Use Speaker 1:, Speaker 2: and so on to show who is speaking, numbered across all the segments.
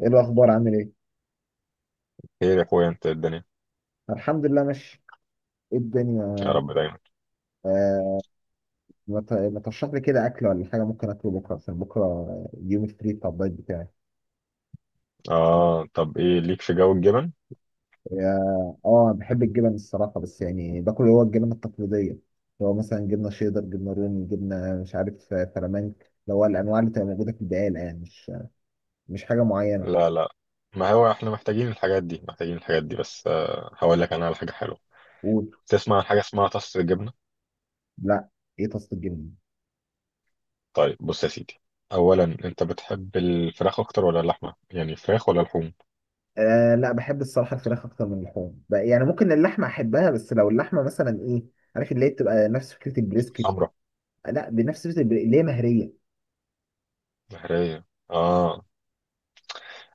Speaker 1: ايه الاخبار، عامل ايه؟
Speaker 2: خير يا اخويا، انت الدنيا؟
Speaker 1: الحمد لله ماشي. ايه
Speaker 2: يا
Speaker 1: الدنيا؟
Speaker 2: رب دايما.
Speaker 1: آه. ما ترشح لي كده اكل ولا حاجه ممكن اكله بكره؟ عشان بكره يوم فري بتاع الدايت بتاعي.
Speaker 2: اه، طب ايه ليك في جو الجبن؟
Speaker 1: اه بحب الجبن الصراحه، بس يعني باكل اللي هو الجبن التقليديه، اللي هو مثلا جبنه شيدر، جبنه رومي، جبنه مش عارف فلامنك. اللي هو الانواع اللي تبقى موجوده في البقاله، يعني مش حاجه معينه.
Speaker 2: لا لا، ما هو احنا محتاجين الحاجات دي محتاجين الحاجات دي بس، هقول لك انا على حاجه حلوه.
Speaker 1: قول.
Speaker 2: تسمع عن حاجه اسمها طاسه الجبنه؟
Speaker 1: لا. ايه تصل الجبنه؟
Speaker 2: طيب بص يا سيدي، اولا انت بتحب الفراخ اكتر ولا اللحمه؟ يعني الفراخ ولا اللحوم؟
Speaker 1: آه لا، بحب الصراحه الفراخ اكتر من اللحوم يعني ممكن اللحمه احبها، بس لو اللحمه مثلا ايه، عارف اللي هي بتبقى نفس فكره البريسكت.
Speaker 2: حمرا؟
Speaker 1: لا، بنفس فكرة اللي هي مهرية.
Speaker 2: بحريه. اه.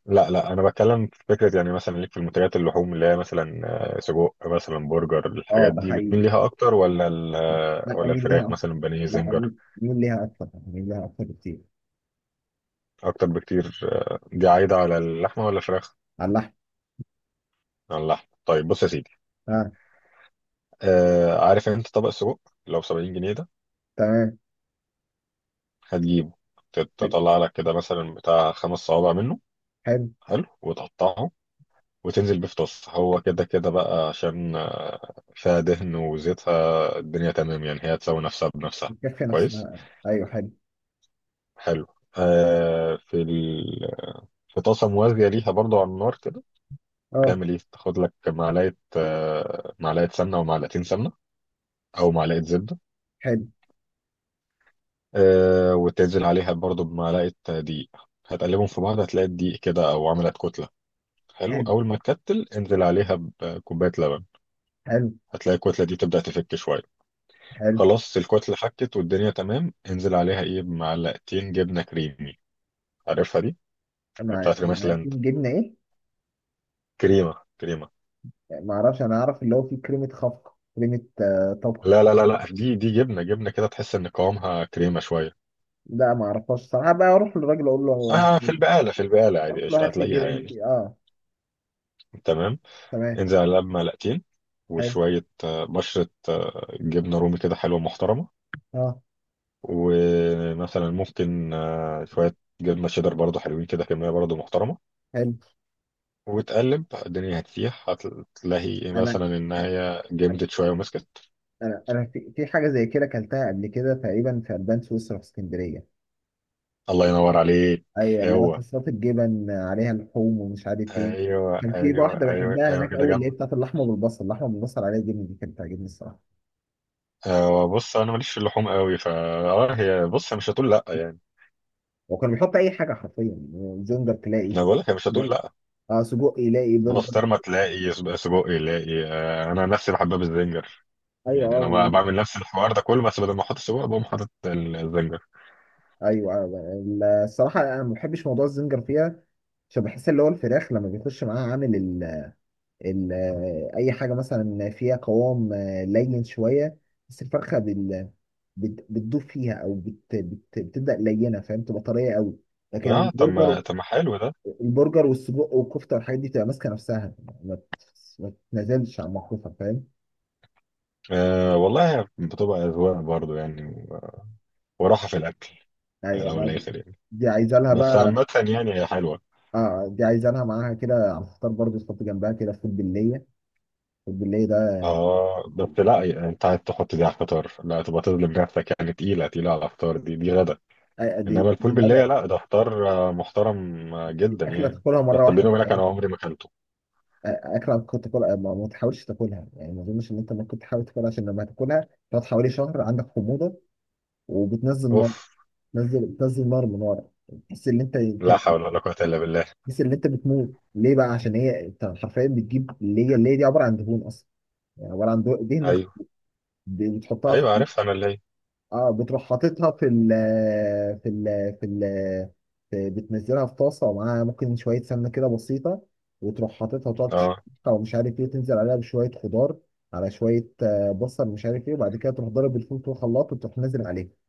Speaker 2: لا لا، انا بتكلم في فكره، يعني مثلا ليك في المنتجات اللحوم اللي هي مثلا سجق، مثلا برجر،
Speaker 1: اه
Speaker 2: الحاجات
Speaker 1: ده
Speaker 2: دي بتميل
Speaker 1: حقيقي.
Speaker 2: ليها اكتر ولا
Speaker 1: لا،
Speaker 2: ولا
Speaker 1: أميل ليها
Speaker 2: الفراخ
Speaker 1: أكتر.
Speaker 2: مثلا بانيه
Speaker 1: لا أميل.
Speaker 2: زنجر؟
Speaker 1: أميل ليها أكتر، أميل ليها أكتر بكتير.
Speaker 2: اكتر بكتير؟ دي عايده على اللحمه ولا الفراخ؟
Speaker 1: على اللحم.
Speaker 2: على اللحمه. طيب بص يا سيدي،
Speaker 1: اه.
Speaker 2: آه، عارف انت طبق السجق؟ لو ب 70 جنيه ده،
Speaker 1: تمام.
Speaker 2: هتجيبه،
Speaker 1: حلو.
Speaker 2: تطلع لك كده مثلا بتاع خمس صوابع منه،
Speaker 1: حلو.
Speaker 2: حلو وتقطعه، وتنزل بيه في طاسه، هو كده كده بقى عشان فيها دهن وزيتها، الدنيا تمام يعني، هي تساوي نفسها بنفسها.
Speaker 1: الكفة
Speaker 2: كويس.
Speaker 1: نفسها. أيوه. حلو.
Speaker 2: حلو. آه في ال... في طاسه موازيه ليها برضو على النار كده،
Speaker 1: اه.
Speaker 2: تعمل ايه، تاخد لك معلقه، معلقه سمنه، ومعلقتين سمنه، او معلقه زبده،
Speaker 1: حلو.
Speaker 2: آه، وتنزل عليها برضو بمعلقه دقيق، هتقلبهم في بعض، هتلاقي الدقيق كده او عملت كتله، حلو،
Speaker 1: حلو.
Speaker 2: اول ما تكتل انزل عليها بكوبايه لبن،
Speaker 1: حلو.
Speaker 2: هتلاقي الكتله دي تبدا تفك شويه،
Speaker 1: حلو.
Speaker 2: خلاص الكتله حكت والدنيا تمام، انزل عليها ايه، بمعلقتين جبنه كريمي، عارفها دي،
Speaker 1: مع
Speaker 2: بتاعت ريماس
Speaker 1: مع
Speaker 2: لاند،
Speaker 1: جبنة إيه؟
Speaker 2: كريمه كريمه.
Speaker 1: ما أعرفش، أنا أعرف اللي هو فيه كريمة خفق، كريمة طبخ.
Speaker 2: لا لا، دي جبنه كده، تحس ان قوامها كريمه شويه.
Speaker 1: لا، ما أعرفهاش صراحة بقى، أروح للراجل أقول له هات
Speaker 2: اه، في
Speaker 1: لي-
Speaker 2: البقاله، في البقاله عادي
Speaker 1: أروح له
Speaker 2: قشطه
Speaker 1: هات لي
Speaker 2: هتلاقيها
Speaker 1: جبنة.
Speaker 2: يعني.
Speaker 1: اه.
Speaker 2: تمام.
Speaker 1: تمام.
Speaker 2: انزل على القلب معلقتين،
Speaker 1: حلو.
Speaker 2: وشوية بشرة جبنة رومي كده حلوة محترمة،
Speaker 1: اه.
Speaker 2: ومثلا ممكن شوية جبنة شيدر برضو، حلوين كده، كمية برضو محترمة،
Speaker 1: حلو.
Speaker 2: وتقلب الدنيا هتسيح، هتلاقي
Speaker 1: أنا
Speaker 2: مثلا إن هي جمدت شوية ومسكت.
Speaker 1: انا انا في, في حاجه زي كده اكلتها قبل كده تقريبا، في البان سويسرا في اسكندريه.
Speaker 2: الله ينور عليك.
Speaker 1: ايوه اللي هو
Speaker 2: هو
Speaker 1: تصلات الجبن عليها لحوم ومش عارف ايه.
Speaker 2: أيوه
Speaker 1: كان في
Speaker 2: أيوه
Speaker 1: واحده
Speaker 2: أيوه
Speaker 1: بحبها
Speaker 2: أيوه،
Speaker 1: هناك
Speaker 2: كده
Speaker 1: قوي، اللي هي
Speaker 2: جنبك.
Speaker 1: بتاعت اللحمه بالبصل، اللحمه بالبصل عليها جبن، دي كانت بتعجبني الصراحه.
Speaker 2: بص، أنا ماليش في اللحوم قوي، فا آه، هي بص مش هتقول لأ يعني.
Speaker 1: وكان بيحط اي حاجه حرفيا، زنجر تلاقي،
Speaker 2: أنا بقول لك هي مش هتقول
Speaker 1: تلاقي
Speaker 2: لأ.
Speaker 1: اه سجق، يلاقي برجر.
Speaker 2: بسطرمة تلاقي، سجق يلاقي، أنا نفسي بحبها بالزنجر،
Speaker 1: ايوه
Speaker 2: يعني انا
Speaker 1: اه.
Speaker 2: ما بعمل نفس الحوار ده كله، بس بدل ما احط السجق بقوم حاطط الزنجر.
Speaker 1: ايوه الصراحه انا ما بحبش موضوع الزنجر فيها، عشان بحس اللي هو الفراخ لما بيخش معاها عامل ال- اي حاجه مثلا فيها قوام لين شويه، بس الفرخه بتدوب فيها، او بت بت بتبدا لينه فاهم، تبقى طريه قوي. لكن
Speaker 2: اه،
Speaker 1: البرجر،
Speaker 2: طب ما حلو ده.
Speaker 1: البرجر والسجق والكفته والحاجات دي بتبقى ماسكه نفسها، ما بت- ما بتتنازلش عن موقفها فاهم؟
Speaker 2: آه والله، بتبقى اذواق برضو يعني، وراحه في الاكل، لو
Speaker 1: يعني دي
Speaker 2: الاخر يعني،
Speaker 1: دي عايزه لها
Speaker 2: بس عامه
Speaker 1: بقى.
Speaker 2: يعني هي حلوه.
Speaker 1: اه دي عايزه لها معاها كده على الفطار برضه، تحط جنبها كده فول بالليه. الفول بالليه ده
Speaker 2: اه بس لا يعني، انت عايز تحط دي على الفطار؟ لا تبقى تظلم نفسك يعني، تقيله، تقيله على الفطار، دي غدا.
Speaker 1: دي
Speaker 2: انما الفول
Speaker 1: مش
Speaker 2: بالليل
Speaker 1: غدا.
Speaker 2: لا، ده فطار محترم
Speaker 1: دي
Speaker 2: جدا
Speaker 1: اكله
Speaker 2: يعني.
Speaker 1: تاكلها
Speaker 2: بس
Speaker 1: مره
Speaker 2: بيني
Speaker 1: واحده.
Speaker 2: وبينك انا عمري ما اكلته.
Speaker 1: اكره كنت تاكلها، ما تحاولش تاكلها يعني، ما اظنش ان انت ممكن تحاول تاكلها، عشان لما تاكلها تقعد حوالي شهر عندك حموضه وبتنزل نار،
Speaker 2: اوف.
Speaker 1: بتنزل نار من ورا، تحس ان
Speaker 2: لا حول ولا قوه الا بالله.
Speaker 1: تحس ان انت بتموت. ليه بقى؟ عشان هي انت حرفيا بتجيب اللي هي دي عباره عن دهون اصلا، يعني عباره عن دهون دهن
Speaker 2: ايوه
Speaker 1: بتحطها،
Speaker 2: ايوه، عارفها انا اللي هي.
Speaker 1: اه بتروح حاططها في ال في ال بتنزلها في طاسه ومعاها ممكن شويه سمنه كده بسيطه، وتروح حاططها وتقعد
Speaker 2: اه.
Speaker 1: تشوحها ومش عارف ايه، تنزل عليها بشويه خضار، على شويه بصل مش عارف ايه، وبعد كده تروح ضارب الفول في الخلاط وتروح نازل عليها.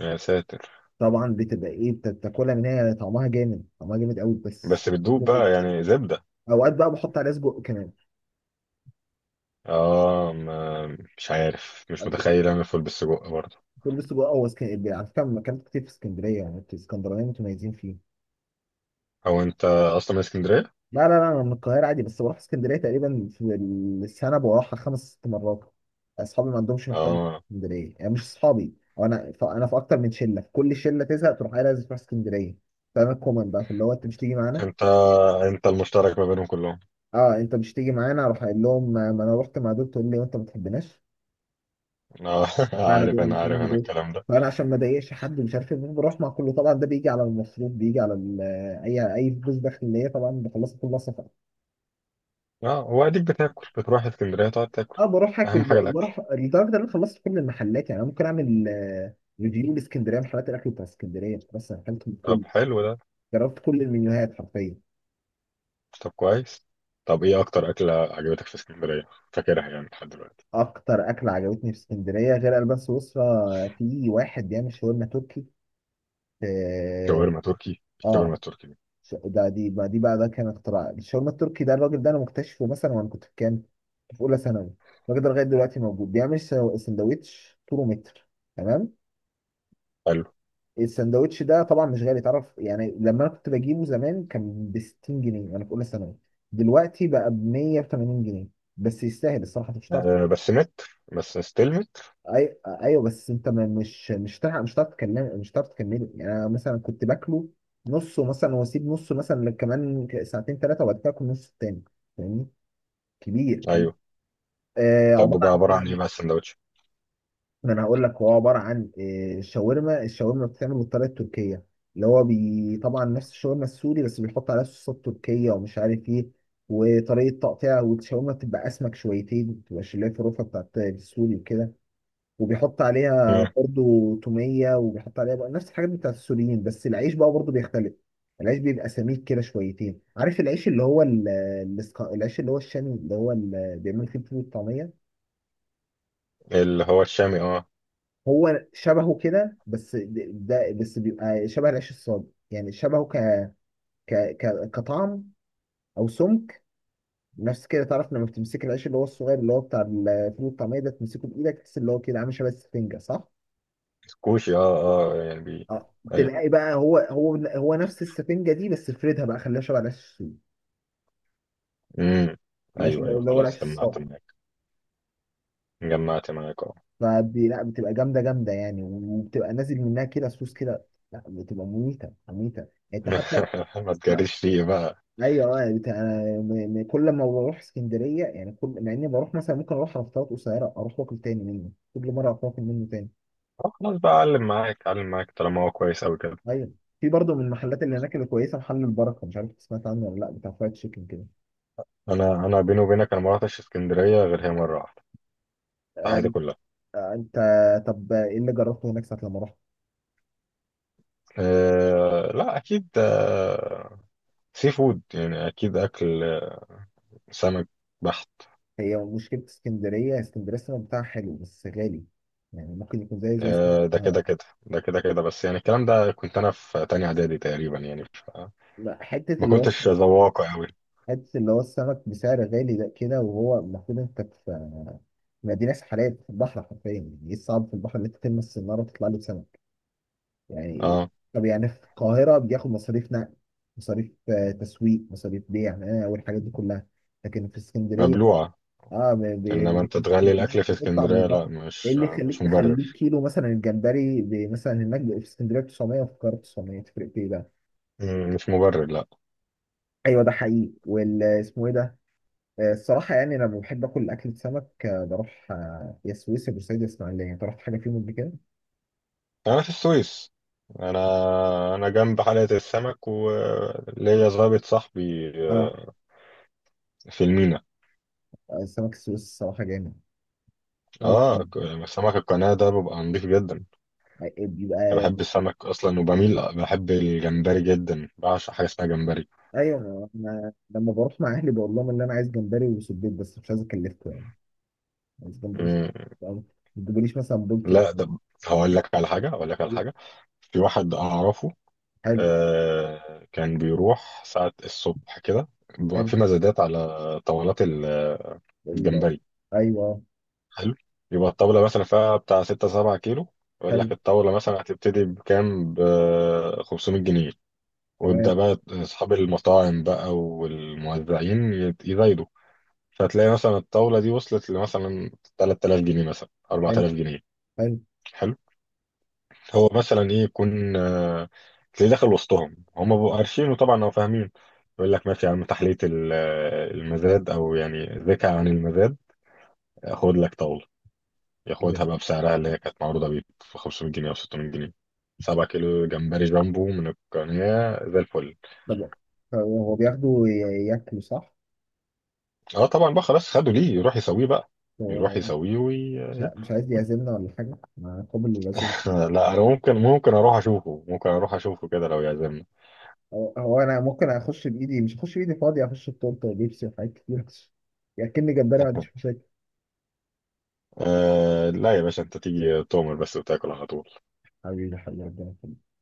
Speaker 2: يا ساتر.
Speaker 1: طبعا بتبقى ايه بتاكلها، من هي طعمها جامد، طعمها جامد قوي
Speaker 2: بس
Speaker 1: بس
Speaker 2: بتدوب
Speaker 1: حلو جدا.
Speaker 2: بقى يعني زبدة.
Speaker 1: اوقات بقى بحط عليها سجق كمان.
Speaker 2: اه، ما مش عارف، مش متخيل اعمل فول بالسجق برضه.
Speaker 1: بقول السجق هو على فكره أنا اكلت كتير في اسكندريه، يعني انتوا الاسكندرانيين متميزين فيه.
Speaker 2: او انت اصلا من اسكندرية؟
Speaker 1: لا، لا، لا، انا من القاهره عادي، بس بروح اسكندريه تقريبا في السنه بروحها خمس ست مرات. اصحابي ما عندهمش محتوى في
Speaker 2: اه،
Speaker 1: اسكندريه، يعني مش اصحابي أو انا في اكتر من شله، في كل شله تزهق تروح قايل لازم تروح اسكندريه، فانا الكومن بقى في اللي هو انت مش تيجي معانا.
Speaker 2: انت، انت المشترك ما بينهم كلهم.
Speaker 1: اه انت مش تيجي معانا، اروح قايل لهم ما انا رحت مع دول، تقول لي وانت ما تحبناش،
Speaker 2: اه.
Speaker 1: ما انا دول مش
Speaker 2: عارف
Speaker 1: مهم
Speaker 2: انا
Speaker 1: دول،
Speaker 2: الكلام ده.
Speaker 1: فانا عشان ما اضايقش حد مش عارف ايه بروح مع كله، طبعا ده بيجي على المصروف، بيجي على اي فلوس داخليه طبعا بخلصها كلها سفر.
Speaker 2: اه، واديك بتاكل، بتروح اسكندرية تقعد تاكل.
Speaker 1: اه بروح
Speaker 2: اهم
Speaker 1: اكل،
Speaker 2: حاجة الاكل.
Speaker 1: وبروح لدرجه ان انا خلصت كل المحلات، يعني انا ممكن اعمل ريفيو لاسكندريه، محلات الاكل بتاع اسكندريه، بس أنا اكلت من
Speaker 2: طب
Speaker 1: كل،
Speaker 2: حلو ده.
Speaker 1: جربت كل المنيوهات حرفيا.
Speaker 2: طب كويس. طب ايه اكتر اكلة عجبتك في اسكندرية فاكرها يعني لحد دلوقتي؟
Speaker 1: اكتر اكل عجبتني في اسكندريه غير البان سويسرا، في واحد بيعمل شاورما تركي. اه
Speaker 2: شاورما تركي؟ الشاورما
Speaker 1: آه،
Speaker 2: التركي دي.
Speaker 1: ش- ده دي بقى دي بقى ده كان اختراع الشاورما التركي ده، الراجل ده انا مكتشفه مثلا وانا كنت في كام، كنت في اولى ثانوي. الراجل ده لغايه دلوقتي موجود، بيعمل سندوتش طوله متر. تمام.
Speaker 2: حلو.
Speaker 1: السندوتش ده طبعا مش غالي، تعرف يعني لما انا كنت بجيبه زمان كان ب 60 جنيه، انا في اولى ثانوي، دلوقتي بقى ب 180 جنيه، بس يستاهل الصراحه. أنت مش هتعرف
Speaker 2: آه بس متر؟ بس ستيل متر؟
Speaker 1: ايوه بس انت مش هتعرف، مش هتعرف تكلم، مش هتعرف تكمله، يعني انا مثلا كنت باكله نصه مثلا، واسيب نصه مثلا كمان ساعتين ثلاثه، وبعد كده اكل نص التاني، فاهمني؟ كبير كبير.
Speaker 2: ايوه.
Speaker 1: آه
Speaker 2: طب
Speaker 1: عباره
Speaker 2: بقى عبارة عن ايه
Speaker 1: عن،
Speaker 2: بقى السندوتش؟
Speaker 1: ما انا هقول لك، هو عباره عن الشاورما بتتعمل بالطريقه التركيه، اللي هو طبعا نفس الشاورما السوري، بس بيحط عليها صوصات تركيه ومش عارف ايه، وطريقه تقطيع، والشاورما بتبقى اسمك شويتين، ما بتبقاش اللي هي في الرفه بتاعت السوري وكده، وبيحط عليها برضو توميه، وبيحط عليها بقى نفس الحاجات بتاعت السوريين، بس العيش بقى برضو بيختلف، العيش بيبقى سميك كده شويتين. عارف العيش اللي هو العيش اللي هو الشامي، اللي هو اللي بيعمل فيه الفول والطعميه.
Speaker 2: اللي هو الشامي، اه.
Speaker 1: هو شبهه كده، بس ده بس بيبقى شبه العيش الصاج، يعني شبهه ك ك كطعم او سمك، نفس كده تعرف لما بتمسك العيش اللي هو الصغير، اللي هو بتاع الفول الطعميه ده، تمسكه بايدك تحس اللي هو كده عامل شبه السفنجه صح؟
Speaker 2: كوشي، اه اه، يعني بي.
Speaker 1: اه
Speaker 2: ايوه.
Speaker 1: تلاقي بقى هو نفس السفنجه دي، بس فردها بقى خليها شبه العيش السوري.
Speaker 2: امم.
Speaker 1: العيش
Speaker 2: ايوه
Speaker 1: اللي هو
Speaker 2: ايوه،
Speaker 1: العيش
Speaker 2: خلاص جمعت
Speaker 1: الصاج.
Speaker 2: معاك، اه.
Speaker 1: فبي لا بتبقى جامده جامده يعني، وبتبقى نازل منها كده صوص كده، لا بتبقى مميته مميته يعني انت حتى.
Speaker 2: ما تجريش فيه بقى.
Speaker 1: ايوه يعني كل ما بروح اسكندريه، يعني كل مع اني بروح مثلا ممكن اروح على فترات قصيره، اروح واكل تاني منه، كل مره اروح واكل منه تاني.
Speaker 2: خلاص بقى اعلم معاك، طالما هو كويس قوي كده.
Speaker 1: ايوه في برضه من المحلات اللي هناك اللي كويسه محل البركه، مش عارف إنت سمعت عنه ولا لا، بتاع فرايد تشيكن كده.
Speaker 2: انا بيني وبينك، انا ما رحتش اسكندريه غير هي مره واحده في حياتي
Speaker 1: آه،
Speaker 2: كلها.
Speaker 1: انت. طب ايه اللي جربته هناك ساعه لما رحت؟
Speaker 2: أه لا اكيد أه، سي فود يعني، اكيد اكل سمك بحت.
Speaker 1: هي مشكله اسكندريه، اسكندريه السمك بتاعها حلو بس غالي، يعني ممكن يكون زيه زي اسكندريه
Speaker 2: أه ده كده
Speaker 1: القاهرة.
Speaker 2: كده، بس يعني الكلام ده كنت انا في تانية اعدادي تقريبا يعني
Speaker 1: لا، حته
Speaker 2: ما
Speaker 1: اللي هو
Speaker 2: كنتش ذواقة قوي.
Speaker 1: حته اللي هو السمك بسعر غالي ده كده، وهو المفروض انت في، ما دي ناس حالات في البحر حرفيا، يعني ايه الصعب في البحر ان انت تلمس السناره وتطلع له سمك يعني.
Speaker 2: اه.
Speaker 1: طب يعني في القاهره بياخد مصاريف نقل، مصاريف تسويق، مصاريف بيع والحاجات دي كلها، لكن في اسكندريه،
Speaker 2: مبلوعة.
Speaker 1: اه
Speaker 2: إنما أنت
Speaker 1: لكن في
Speaker 2: تغلي
Speaker 1: اسكندرية
Speaker 2: الأكل في
Speaker 1: أنت بتطلع من
Speaker 2: اسكندرية؟ لا
Speaker 1: البحر. ايه
Speaker 2: مش،
Speaker 1: اللي
Speaker 2: مش
Speaker 1: يخليك تخليك
Speaker 2: مبرر.
Speaker 1: كيلو مثلا الجمبري مثلا هناك في اسكندريه 900، وفي القاهره 900، تفرق في ايه بقى؟
Speaker 2: مم، مش مبرر لا.
Speaker 1: ايوه ده حقيقي. والاسمه ايه ده؟ الصراحه يعني انا لما بحب اكل اكل سمك بروح يا سويسرا بورسعيد يا اسماعيليه، انت رحت حاجه فيهم قبل كده؟
Speaker 2: أنا في السويس، أنا، جنب حلقة السمك، وليا ظابط صاحبي
Speaker 1: اه
Speaker 2: في المينا.
Speaker 1: السمك السويس الصراحة جامد،
Speaker 2: آه،
Speaker 1: عارفين.
Speaker 2: سمك القناة ده ببقى نضيف جدا. أنا
Speaker 1: بيبقى
Speaker 2: بحب السمك أصلا، وبميل، بحب الجمبري جدا، بعشق حاجة اسمها جمبري.
Speaker 1: ايوه انا لما بروح مع اهلي بقول لهم ان انا عايز جمبري وسبيط، بس مش عايز اكلفكم يعني، عايز جمبري وسبيط.
Speaker 2: مم،
Speaker 1: ما تجيبوليش مثلا بولتي.
Speaker 2: لا ده، هقول لك على حاجة، في واحد أعرفه،
Speaker 1: حلو.
Speaker 2: كان بيروح ساعة الصبح كده، بيبقى
Speaker 1: حلو.
Speaker 2: في مزادات على طاولات
Speaker 1: ال-
Speaker 2: الجمبري.
Speaker 1: ايوه.
Speaker 2: حلو. يبقى الطاولة مثلا فيها بتاع ستة سبعة كيلو، يقول
Speaker 1: حلو.
Speaker 2: لك الطاولة مثلا هتبتدي بكام، ب 500 جنيه، ويبدأ
Speaker 1: تمام.
Speaker 2: بقى أصحاب المطاعم بقى والموزعين يزايدوا. فتلاقي مثلا الطاولة دي وصلت لمثلا 3000 جنيه، مثلا
Speaker 1: حلو.
Speaker 2: 4000 جنيه.
Speaker 1: حلو
Speaker 2: حلو. هو مثلا ايه يكون، تلاقيه داخل وسطهم، هم بقوا عارفين، وطبعا هم فاهمين، يقول لك ماشي يا عم، تحلية المزاد، او يعني ذكى عن المزاد، خد لك طاولة،
Speaker 1: كده.
Speaker 2: ياخدها بقى بسعرها اللي هي كانت معروضة بيه، ب 500 جنيه او 600 جنيه، 7 كيلو جمبري جامبو من القناة زي الفل.
Speaker 1: طب هو ياكله صح؟
Speaker 2: اه طبعا بقى، خلاص خدوا، ليه يروح يسويه بقى. يروح
Speaker 1: هو
Speaker 2: يسويه
Speaker 1: مش عايز يعزمنا ولا حاجة؟ مع قابل للعزوم.
Speaker 2: لا انا ممكن اروح اشوفه، كده لو يعزمنا.
Speaker 1: هو انا ممكن اخش بايدي، مش اخش بايدي فاضية، اخش بطولة لبسي وحاجات كتير. ياكلني جمبري ما عنديش مشاكل.
Speaker 2: آه لا يا باشا، انت تيجي تؤمر بس وتاكل على طول.
Speaker 1: حبيبي حبيبي ربنا يخليك.